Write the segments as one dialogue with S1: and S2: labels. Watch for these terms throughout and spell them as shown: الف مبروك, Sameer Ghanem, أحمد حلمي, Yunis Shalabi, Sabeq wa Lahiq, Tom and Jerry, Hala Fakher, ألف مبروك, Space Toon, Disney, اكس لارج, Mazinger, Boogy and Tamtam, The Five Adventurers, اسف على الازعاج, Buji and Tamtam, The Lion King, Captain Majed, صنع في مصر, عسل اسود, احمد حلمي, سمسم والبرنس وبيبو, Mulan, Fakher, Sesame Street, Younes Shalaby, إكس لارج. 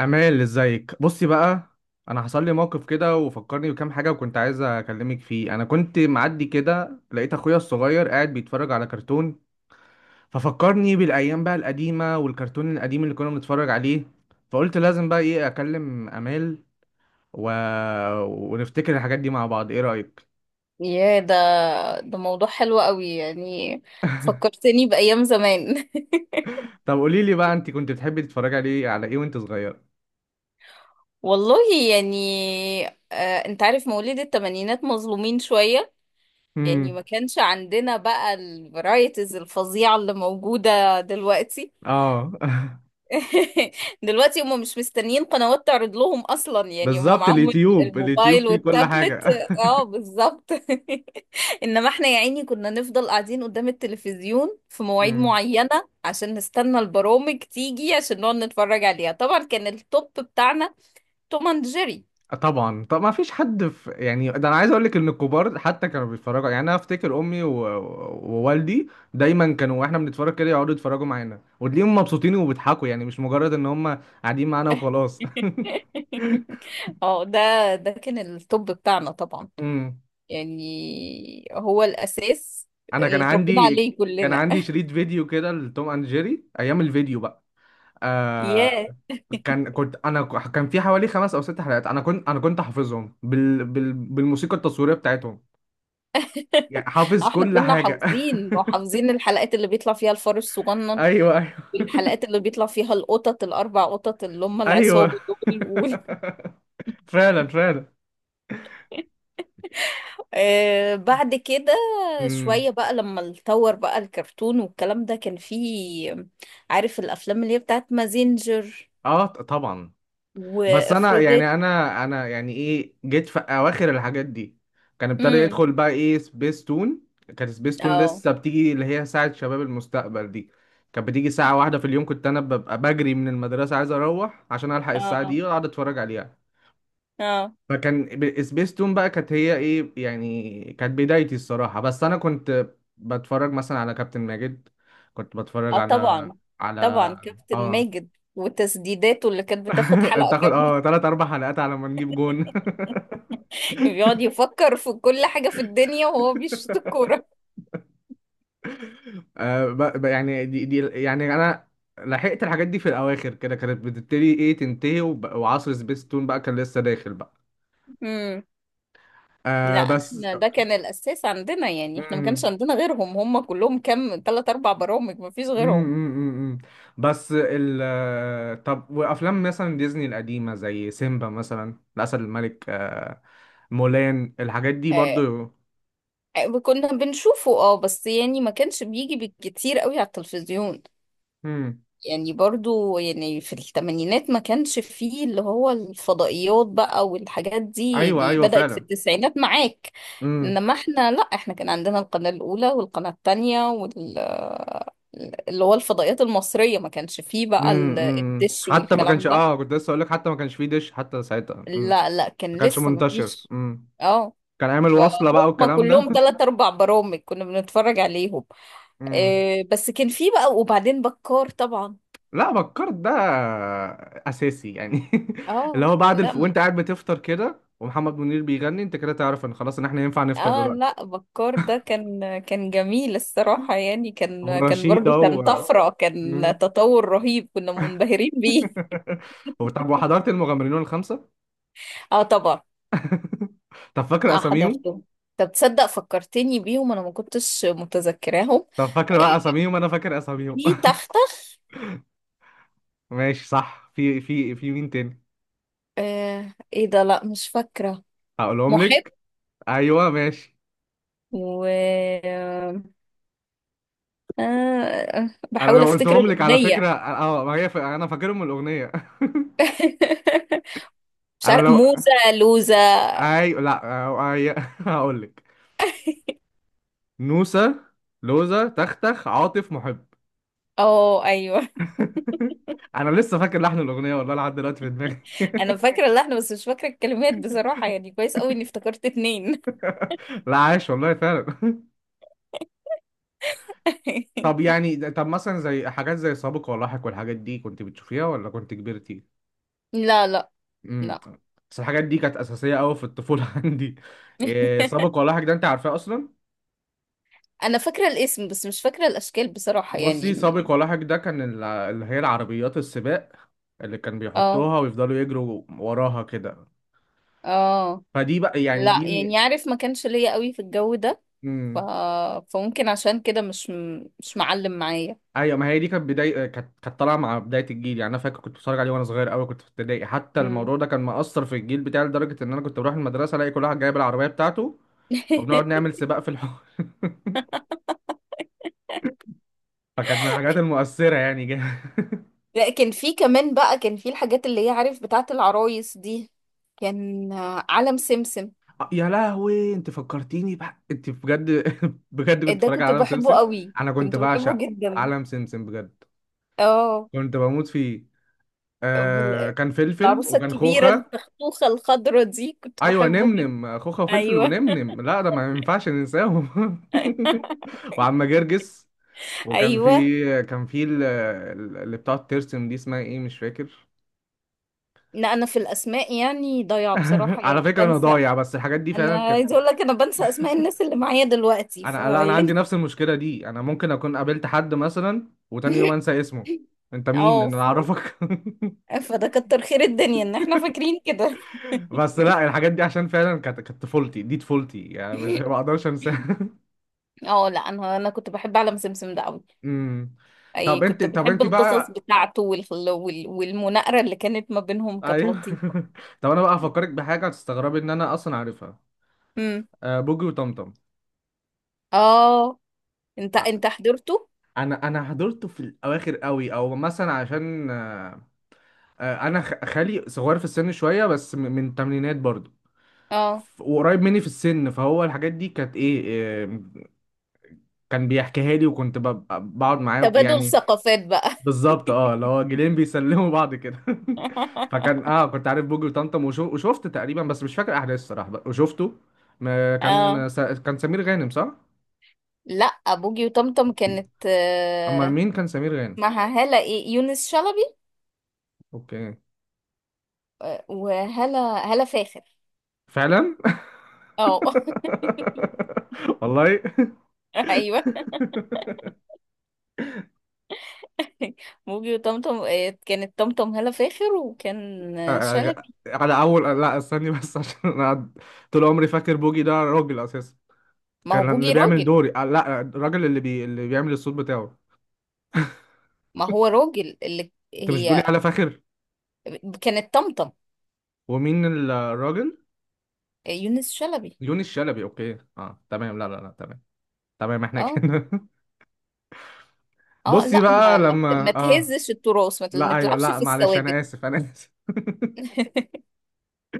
S1: امال، ازيك؟ بصي بقى، انا حصل لي موقف كده وفكرني بكام حاجه، وكنت عايز اكلمك فيه. انا كنت معدي كده، لقيت اخويا الصغير قاعد بيتفرج على كرتون. ففكرني بالايام بقى القديمه والكرتون القديم اللي كنا بنتفرج عليه. فقلت لازم بقى ايه اكلم امال و... ونفتكر الحاجات دي مع بعض. ايه رايك؟
S2: يا ده موضوع حلو قوي يعني. فكرتني بأيام زمان.
S1: طب قولي لي بقى، انت كنت بتحبي تتفرجي عليه على ايه وانت صغير؟
S2: والله يعني، آه انت عارف مواليد التمانينات مظلومين شوية. يعني
S1: امم.
S2: ما كانش عندنا بقى الفرايتيز الفظيعة اللي موجودة دلوقتي.
S1: اه.
S2: دلوقتي هم مش مستنيين قنوات تعرض لهم اصلا، يعني هم
S1: بالظبط،
S2: معاهم
S1: اليوتيوب
S2: الموبايل
S1: فيه كل
S2: والتابلت.
S1: حاجه.
S2: اه، بالظبط. انما احنا يا عيني كنا نفضل قاعدين قدام التلفزيون في مواعيد
S1: مم.
S2: معينة عشان نستنى البرامج تيجي، عشان نقعد نتفرج عليها. طبعا كان التوب بتاعنا توم اند جيري.
S1: طبعا. طب ما فيش حد، في يعني ده انا عايز اقول لك ان الكبار حتى كانوا بيتفرجوا، يعني انا افتكر امي و... ووالدي دايما كانوا واحنا بنتفرج كده يقعدوا يتفرجوا معانا، وتلاقيهم مبسوطين وبيضحكوا، يعني مش مجرد ان هم قاعدين معانا وخلاص.
S2: اه، ده كان التوب بتاعنا طبعا،
S1: امم.
S2: يعني هو الاساس
S1: انا كان
S2: اللي اتربينا
S1: عندي
S2: عليه
S1: كان
S2: كلنا.
S1: عندي شريط فيديو كده لتوم اند جيري ايام الفيديو بقى. آه،
S2: ياه.
S1: كان كنت انا ك- كان في حوالي خمس او ست حلقات، انا كنت حافظهم بالموسيقى التصويريه بتاعتهم. يعني
S2: اه
S1: حافظ
S2: احنا
S1: كل
S2: كنا
S1: حاجه.
S2: حافظين وحافظين الحلقات اللي بيطلع فيها الفار الصغنن،
S1: ايوه، ايوه.
S2: والحلقات اللي بيطلع فيها القطط الاربع قطط اللي هم
S1: ايوه.
S2: العصابه دول
S1: فعلا، فعلا.
S2: آه، بعد كده
S1: امم.
S2: شويه بقى لما اتطور بقى الكرتون والكلام ده كان فيه، عارف، الافلام اللي هي بتاعت مازينجر
S1: اه، طبعا. بس انا يعني
S2: وافروديت.
S1: انا يعني ايه، جيت في اواخر الحاجات دي. كان ابتدى
S2: امم،
S1: يدخل بقى ايه سبيس تون. كانت سبيس تون
S2: اه
S1: لسه بتيجي، اللي هي ساعة شباب المستقبل دي. كانت بتيجي ساعة واحدة في اليوم. كنت انا ببقى بجري من المدرسة عايز اروح عشان الحق الساعة
S2: اه
S1: دي واقعد اتفرج عليها.
S2: اه
S1: فكان سبيستون بقى كانت هي ايه يعني، كانت بدايتي الصراحة. بس انا كنت بتفرج مثلا على كابتن ماجد. كنت بتفرج
S2: اه،
S1: على
S2: طبعا.
S1: على
S2: طبعا كابتن
S1: اه،
S2: ماجد وتسديداته اللي كانت بتاخد حلقه
S1: بتاخد اه،
S2: كامله،
S1: تلات اربع حلقات على ما نجيب جون.
S2: بيقعد يفكر في كل حاجة في الدنيا وهو بيشوط الكورة.
S1: آه، يعني دي يعني انا لحقت الحاجات دي في الاواخر كده، كانت بتبتدي ايه تنتهي، وب... وعصر سبيستون بقى كان لسه داخل بقى.
S2: امم. لا
S1: آه بس.
S2: احنا ده كان الأساس عندنا، يعني احنا ما كانش
S1: مم.
S2: عندنا غيرهم، هم كلهم كام، تلات أربع برامج، ما فيش
S1: امم،
S2: غيرهم.
S1: بس ال آه، طب، وافلام مثلا ديزني القديمه زي سيمبا مثلا، الاسد الملك، آه، مولان، الحاجات دي
S2: آه
S1: برضو.
S2: آه، كنا بنشوفه اه، بس يعني ما كانش بيجي بالكتير قوي على التلفزيون.
S1: امم.
S2: يعني برضو يعني في الثمانينات ما كانش فيه اللي هو الفضائيات بقى، والحاجات دي
S1: ايوه،
S2: دي
S1: ايوه،
S2: بدأت في
S1: فعلا.
S2: التسعينات معاك.
S1: امم،
S2: انما احنا، لا احنا كان عندنا القناة الأولى والقناة التانية، اللي هو الفضائيات المصرية. ما كانش فيه بقى
S1: امم،
S2: الدش
S1: حتى ما كانش
S2: والكلام ده.
S1: اه كنت لسه اقول لك، حتى ما كانش فيه دش حتى ساعتها. امم.
S2: لا لا،
S1: ما
S2: كان
S1: كانش
S2: لسه ما
S1: منتشر.
S2: فيش.
S1: امم.
S2: اه،
S1: كان عامل وصله بقى
S2: فهم
S1: والكلام ده.
S2: كلهم تلات أربع برامج كنا بنتفرج عليهم.
S1: امم.
S2: آه بس كان فيه بقى وبعدين بكار طبعا.
S1: لا، فكرت ده اساسي يعني. اللي
S2: اه
S1: هو بعد
S2: لا ما-
S1: وانت قاعد بتفطر كده ومحمد منير بيغني، انت كده تعرف ان خلاص، ان احنا ينفع نفطر
S2: اه
S1: دلوقتي.
S2: لا، بكار ده كان جميل الصراحة، يعني
S1: هو
S2: كان
S1: رشيد،
S2: برضو، كان
S1: هو.
S2: طفرة، كان
S1: مم.
S2: تطور رهيب كنا منبهرين بيه.
S1: هو، طب وحضرت المغامرين الخمسة؟
S2: اه طبعا.
S1: طب فاكر
S2: اه
S1: أساميهم؟
S2: حضرته. طب تصدق فكرتني بيهم، انا ما كنتش متذكراهم.
S1: طب فاكر بقى أساميهم، أنا فاكر أساميهم.
S2: في تختخ.
S1: ماشي، صح. في مين تاني؟
S2: آه، ايه ده، لا مش فاكرة.
S1: هقولهم
S2: محب
S1: لك. أيوه، ماشي.
S2: و، آه،
S1: أنا
S2: بحاول
S1: لو
S2: افتكر
S1: قلتهم لك على فكرة،
S2: الأغنية.
S1: أه، ما هي أنا فاكرهم من الأغنية.
S2: مش
S1: أنا
S2: عارف
S1: لو
S2: موزة لوزة.
S1: أي، لا، أه، أي... هقول لك: نوسة، لوزة، تختخ، عاطف، محب.
S2: اه ايوه،
S1: أنا لسه فاكر لحن الأغنية والله لحد دلوقتي في دماغي.
S2: انا فاكرة اللحن بس مش فاكرة الكلمات بصراحة، يعني كويس قوي اني افتكرت اتنين.
S1: لا، عايش والله، فعلا. طب يعني طب مثلا زي حاجات زي سابق ولاحق، والحاجات دي كنت بتشوفيها ولا كنت كبرتي؟
S2: لا لا
S1: امم.
S2: لا.
S1: بس الحاجات دي كانت أساسية أوي في الطفولة عندي. إيه سابق ولاحق ده؟ أنت عارفاه أصلا؟
S2: انا فاكرة الاسم بس مش فاكرة الاشكال بصراحة
S1: بصي،
S2: يعني.
S1: سابق ولاحق ده كان اللي هي العربيات السباق اللي كان
S2: اه
S1: بيحطوها ويفضلوا يجروا وراها كده.
S2: اه،
S1: فدي بقى، يعني
S2: لا
S1: دي.
S2: يعني عارف ما كانش ليا قوي في الجو ده، ف... فممكن عشان كده مش معلم معايا.
S1: ايوه، ما هي دي كانت بدايه، آه، كانت طالعه مع بدايه الجيل. يعني انا فاكر كنت بتفرج عليه وانا صغير قوي، كنت في ابتدائي حتى.
S2: مم.
S1: الموضوع ده كان مأثر في الجيل بتاعي لدرجه ان انا كنت بروح المدرسه الاقي كل واحد جايب العربيه بتاعته وبنقعد نعمل سباق في الحوار. فكانت من الحاجات المؤثره يعني
S2: لا كان في كمان بقى، كان في الحاجات اللي هي عارف بتاعت العرايس دي، كان، آه، علم سمسم.
S1: آه، يا لهوي، انت فكرتيني بقى انت بجد. بجد كنت
S2: ده
S1: بتفرج على
S2: كنت
S1: عالم
S2: بحبه
S1: سمسم.
S2: قوي،
S1: انا كنت
S2: كنت بحبه
S1: بعشق
S2: جدا.
S1: عالم سمسم بجد،
S2: اه،
S1: كنت بموت فيه. آه،
S2: بال-
S1: كان فلفل
S2: العروسة
S1: وكان
S2: الكبيرة
S1: خوخة.
S2: التختوخة الخضرة دي كنت
S1: ايوه،
S2: بحبه جدا.
S1: نمنم، خوخة وفلفل
S2: ايوه
S1: ونمنم، لا ده ما ينفعش ننساهم. وعم جرجس. وكان
S2: ايوه.
S1: في كان في اللي بتقعد ترسم دي، اسمها ايه؟ مش فاكر.
S2: لا انا في الاسماء يعني ضايعة بصراحة،
S1: على
S2: يعني
S1: فكرة انا
S2: بنسى.
S1: ضايع، بس الحاجات دي
S2: انا
S1: فعلا كانت.
S2: عايزة اقول لك، انا بنسى اسماء الناس اللي معايا دلوقتي
S1: انا، لا، انا عندي
S2: فيعني.
S1: نفس المشكلة دي، انا ممكن اكون قابلت حد مثلا وتاني يوم انسى اسمه. انت مين
S2: اه،
S1: إن انا اعرفك؟
S2: فده كتر خير الدنيا ان احنا فاكرين كده.
S1: بس لا، الحاجات دي عشان فعلا كانت طفولتي. دي طفولتي، يعني مش ما اقدرش انساها.
S2: اه لا، انا كنت بحب عالم سمسم ده قوي.
S1: أمم.
S2: اي
S1: طب انت
S2: كنت
S1: طب
S2: بحب
S1: انت
S2: القصص
S1: بقى.
S2: بتاعته والمناقره اللي كانت ما بينهم كانت
S1: ايوه.
S2: لطيفه.
S1: طب انا بقى هفكرك بحاجه هتستغربي ان انا اصلا عارفها.
S2: امم.
S1: أه، بوجي وطمطم.
S2: اه، انت
S1: ع-
S2: انت حضرته.
S1: انا حضرته في الاواخر قوي، او مثلا عشان، أه، آه، انا خالي صغير في السن شويه، بس من التمانينات برضو.
S2: اه،
S1: وقريب مني في السن، فهو الحاجات دي كانت ايه، آه، كان بيحكيها لي، وكنت بقعد معاه
S2: تبادل
S1: يعني.
S2: ثقافات بقى.
S1: بالظبط، اه، اللي هو جيلين بيسلموا بعض كده. فكان اه، كنت عارف بوجي وطمطم وشو... وشفت تقريبا، بس مش فاكر احداث الصراحه بقى. وشفته. ما كان
S2: اه
S1: س... كان سمير غانم، صح؟
S2: لا، بوجي وطمطم كانت،
S1: امال،
S2: آه،
S1: مين كان سمير غانم؟
S2: معها هالة، ايه، يونس شلبي.
S1: اوكي.
S2: آه، وهالة هالة فاخر.
S1: فعلا.
S2: اه.
S1: والله.
S2: ايوه. بوجي وطمطم، آه، كانت طمطم هالة فاخر، وكان، آه، شلبي.
S1: على اول، لا استني بس عشان انا طول عمري فاكر بوجي ده راجل اساسا.
S2: ما هو
S1: كان اللي
S2: بوجي
S1: بيعمل
S2: راجل.
S1: دوري آه، لا، الراجل اللي بيعمل الصوت بتاعه.
S2: ما هو راجل اللي
S1: انت مش بتقولي
S2: هي
S1: على فاخر؟
S2: كانت طمطم.
S1: ومين الراجل؟
S2: آه، يونس شلبي.
S1: يونس شلبي، اوكي، اه تمام. لا، لا، لا، تمام. تمام احنا
S2: اه
S1: كده.
S2: اه،
S1: بصي
S2: لا
S1: بقى
S2: ما
S1: لما اه،
S2: تهزش التراث،
S1: لا،
S2: ما
S1: ايوه،
S2: تلعبش
S1: لا
S2: في
S1: معلش، انا
S2: الثوابت.
S1: اسف، انا اسف.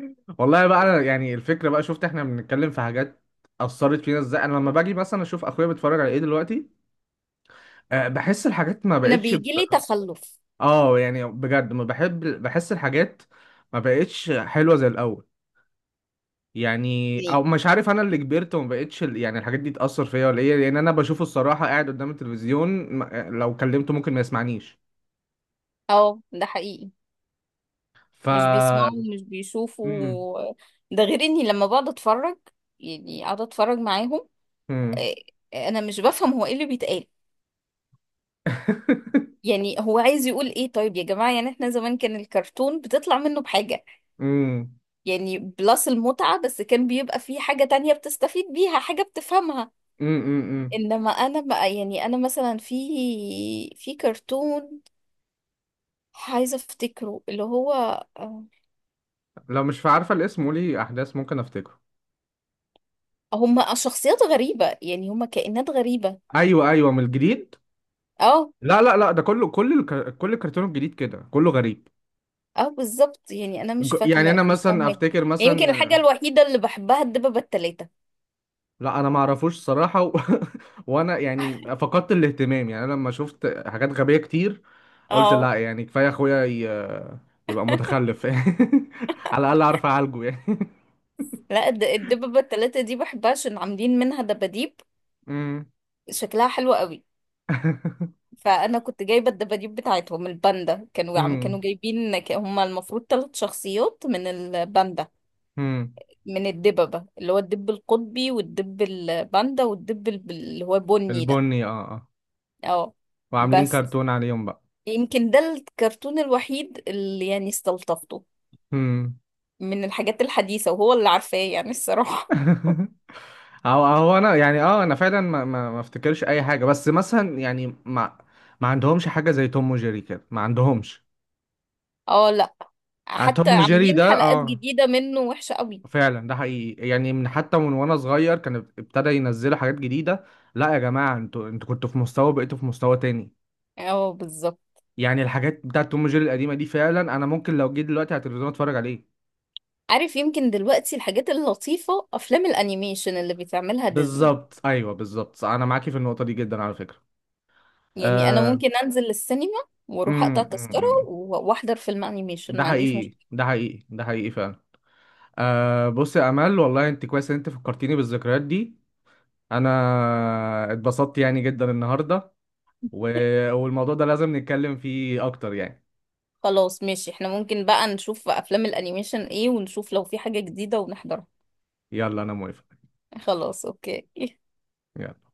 S1: والله بقى، انا يعني الفكره بقى، شفت احنا بنتكلم في حاجات اثرت فينا ازاي. انا لما باجي مثلا اشوف اخويا بيتفرج على ايه دلوقتي، آه، بحس الحاجات ما
S2: انا
S1: بقتش
S2: بيجي لي تخلف
S1: اه، يعني بجد ما بحب، بحس الحاجات ما بقتش حلوه زي الاول. يعني
S2: يعني.
S1: او مش عارف، انا اللي كبرت وما بقتش يعني الحاجات دي تاثر فيا ولا ايه، لان انا بشوفه الصراحه قاعد قدام التلفزيون آه، لو كلمته ممكن ما يسمعنيش.
S2: اه ده حقيقي.
S1: ف
S2: مش بيسمعوا مش
S1: مم.
S2: بيشوفوا. ده غير اني لما بقعد اتفرج، يعني اقعد اتفرج معاهم.
S1: مم.
S2: آه آه، انا مش بفهم هو ايه اللي بيتقال. يعني هو عايز يقول ايه؟ طيب يا جماعة، يعني احنا زمان كان الكرتون بتطلع منه بحاجة.
S1: مم.
S2: يعني بلس المتعة، بس كان بيبقى فيه حاجة تانية بتستفيد بيها، حاجة بتفهمها.
S1: مم. مم.
S2: انما انا بقى، يعني انا مثلا في كرتون عايزة افتكره اللي هو، آه،
S1: لو مش عارفه الاسم قولي احداث، ممكن افتكره.
S2: هما شخصيات غريبة، يعني هما كائنات غريبة.
S1: ايوه، ايوه، من الجديد.
S2: اه
S1: لا، لا، لا، ده كله، كل الكرتون الجديد كده كله غريب.
S2: اه بالظبط، يعني انا
S1: يعني انا
S2: مش فاهمة
S1: مثلا
S2: يعني.
S1: افتكر
S2: يمكن
S1: مثلا.
S2: الحاجة الوحيدة اللي بحبها الدببة التلاتة.
S1: لا، انا ما اعرفوش صراحه وانا يعني فقدت الاهتمام، يعني انا لما شفت حاجات غبيه كتير قلت
S2: اه
S1: لا، يعني كفايه اخويا يبقى متخلف. على الاقل اعرف اعالجه يعني.
S2: لا، الدببة التلاتة دي بحبها عشان عاملين منها دباديب، شكلها حلو قوي. فانا كنت جايبه الدباديب بتاعتهم الباندا، كانوا
S1: مم.
S2: جايبين، هما المفروض ثلاث شخصيات من الباندا،
S1: امم.
S2: من الدببه، اللي هو الدب القطبي والدب الباندا والدب، اللي هو بني ده.
S1: البني، اه، اه.
S2: اه
S1: وعاملين
S2: بس،
S1: كرتون عليهم بقى.
S2: يمكن ده الكرتون الوحيد اللي يعني استلطفته
S1: امم.
S2: من الحاجات الحديثه، وهو اللي عارفاه يعني الصراحه.
S1: هو انا يعني، اه، انا فعلا ما افتكرش اي حاجه، بس مثلا يعني ما ما عندهمش حاجه زي توم وجيري كده، ما عندهمش.
S2: اه لا،
S1: آه،
S2: حتى
S1: توم وجيري
S2: عاملين
S1: ده،
S2: حلقات
S1: اه،
S2: جديده منه وحشه قوي.
S1: فعلا، ده حقيقي، يعني من حتى من وانا صغير كان ابتدى ينزلوا حاجات جديده. لا يا جماعه، انتوا كنتوا في مستوى، بقيتوا في مستوى تاني.
S2: اه بالظبط.
S1: يعني الحاجات بتاعت توم وجيري القديمه دي، فعلا، انا ممكن لو جيت دلوقتي على التلفزيون اتفرج عليه.
S2: عارف، يمكن دلوقتي الحاجات اللطيفة أفلام الأنيميشن اللي بتعملها ديزني.
S1: بالظبط، ايوه، بالظبط، انا معاكي في النقطه دي جدا على فكره.
S2: يعني أنا
S1: آه.
S2: ممكن أنزل السينما وأروح
S1: أمم،
S2: أقطع تذكرة
S1: أمم.
S2: وأحضر فيلم أنيميشن،
S1: ده
S2: ما عنديش
S1: حقيقي،
S2: مشكلة.
S1: ده حقيقي، ده حقيقي، فعلا. آه، بص يا امل، والله انت كويس ان انت فكرتيني بالذكريات دي. انا اتبسطت يعني جدا النهارده و... والموضوع ده لازم نتكلم فيه اكتر يعني.
S2: خلاص ماشي، احنا ممكن بقى نشوف أفلام الأنيميشن إيه، ونشوف لو في حاجة جديدة ونحضرها.
S1: يلا، انا موافق.
S2: خلاص أوكي.
S1: يلا.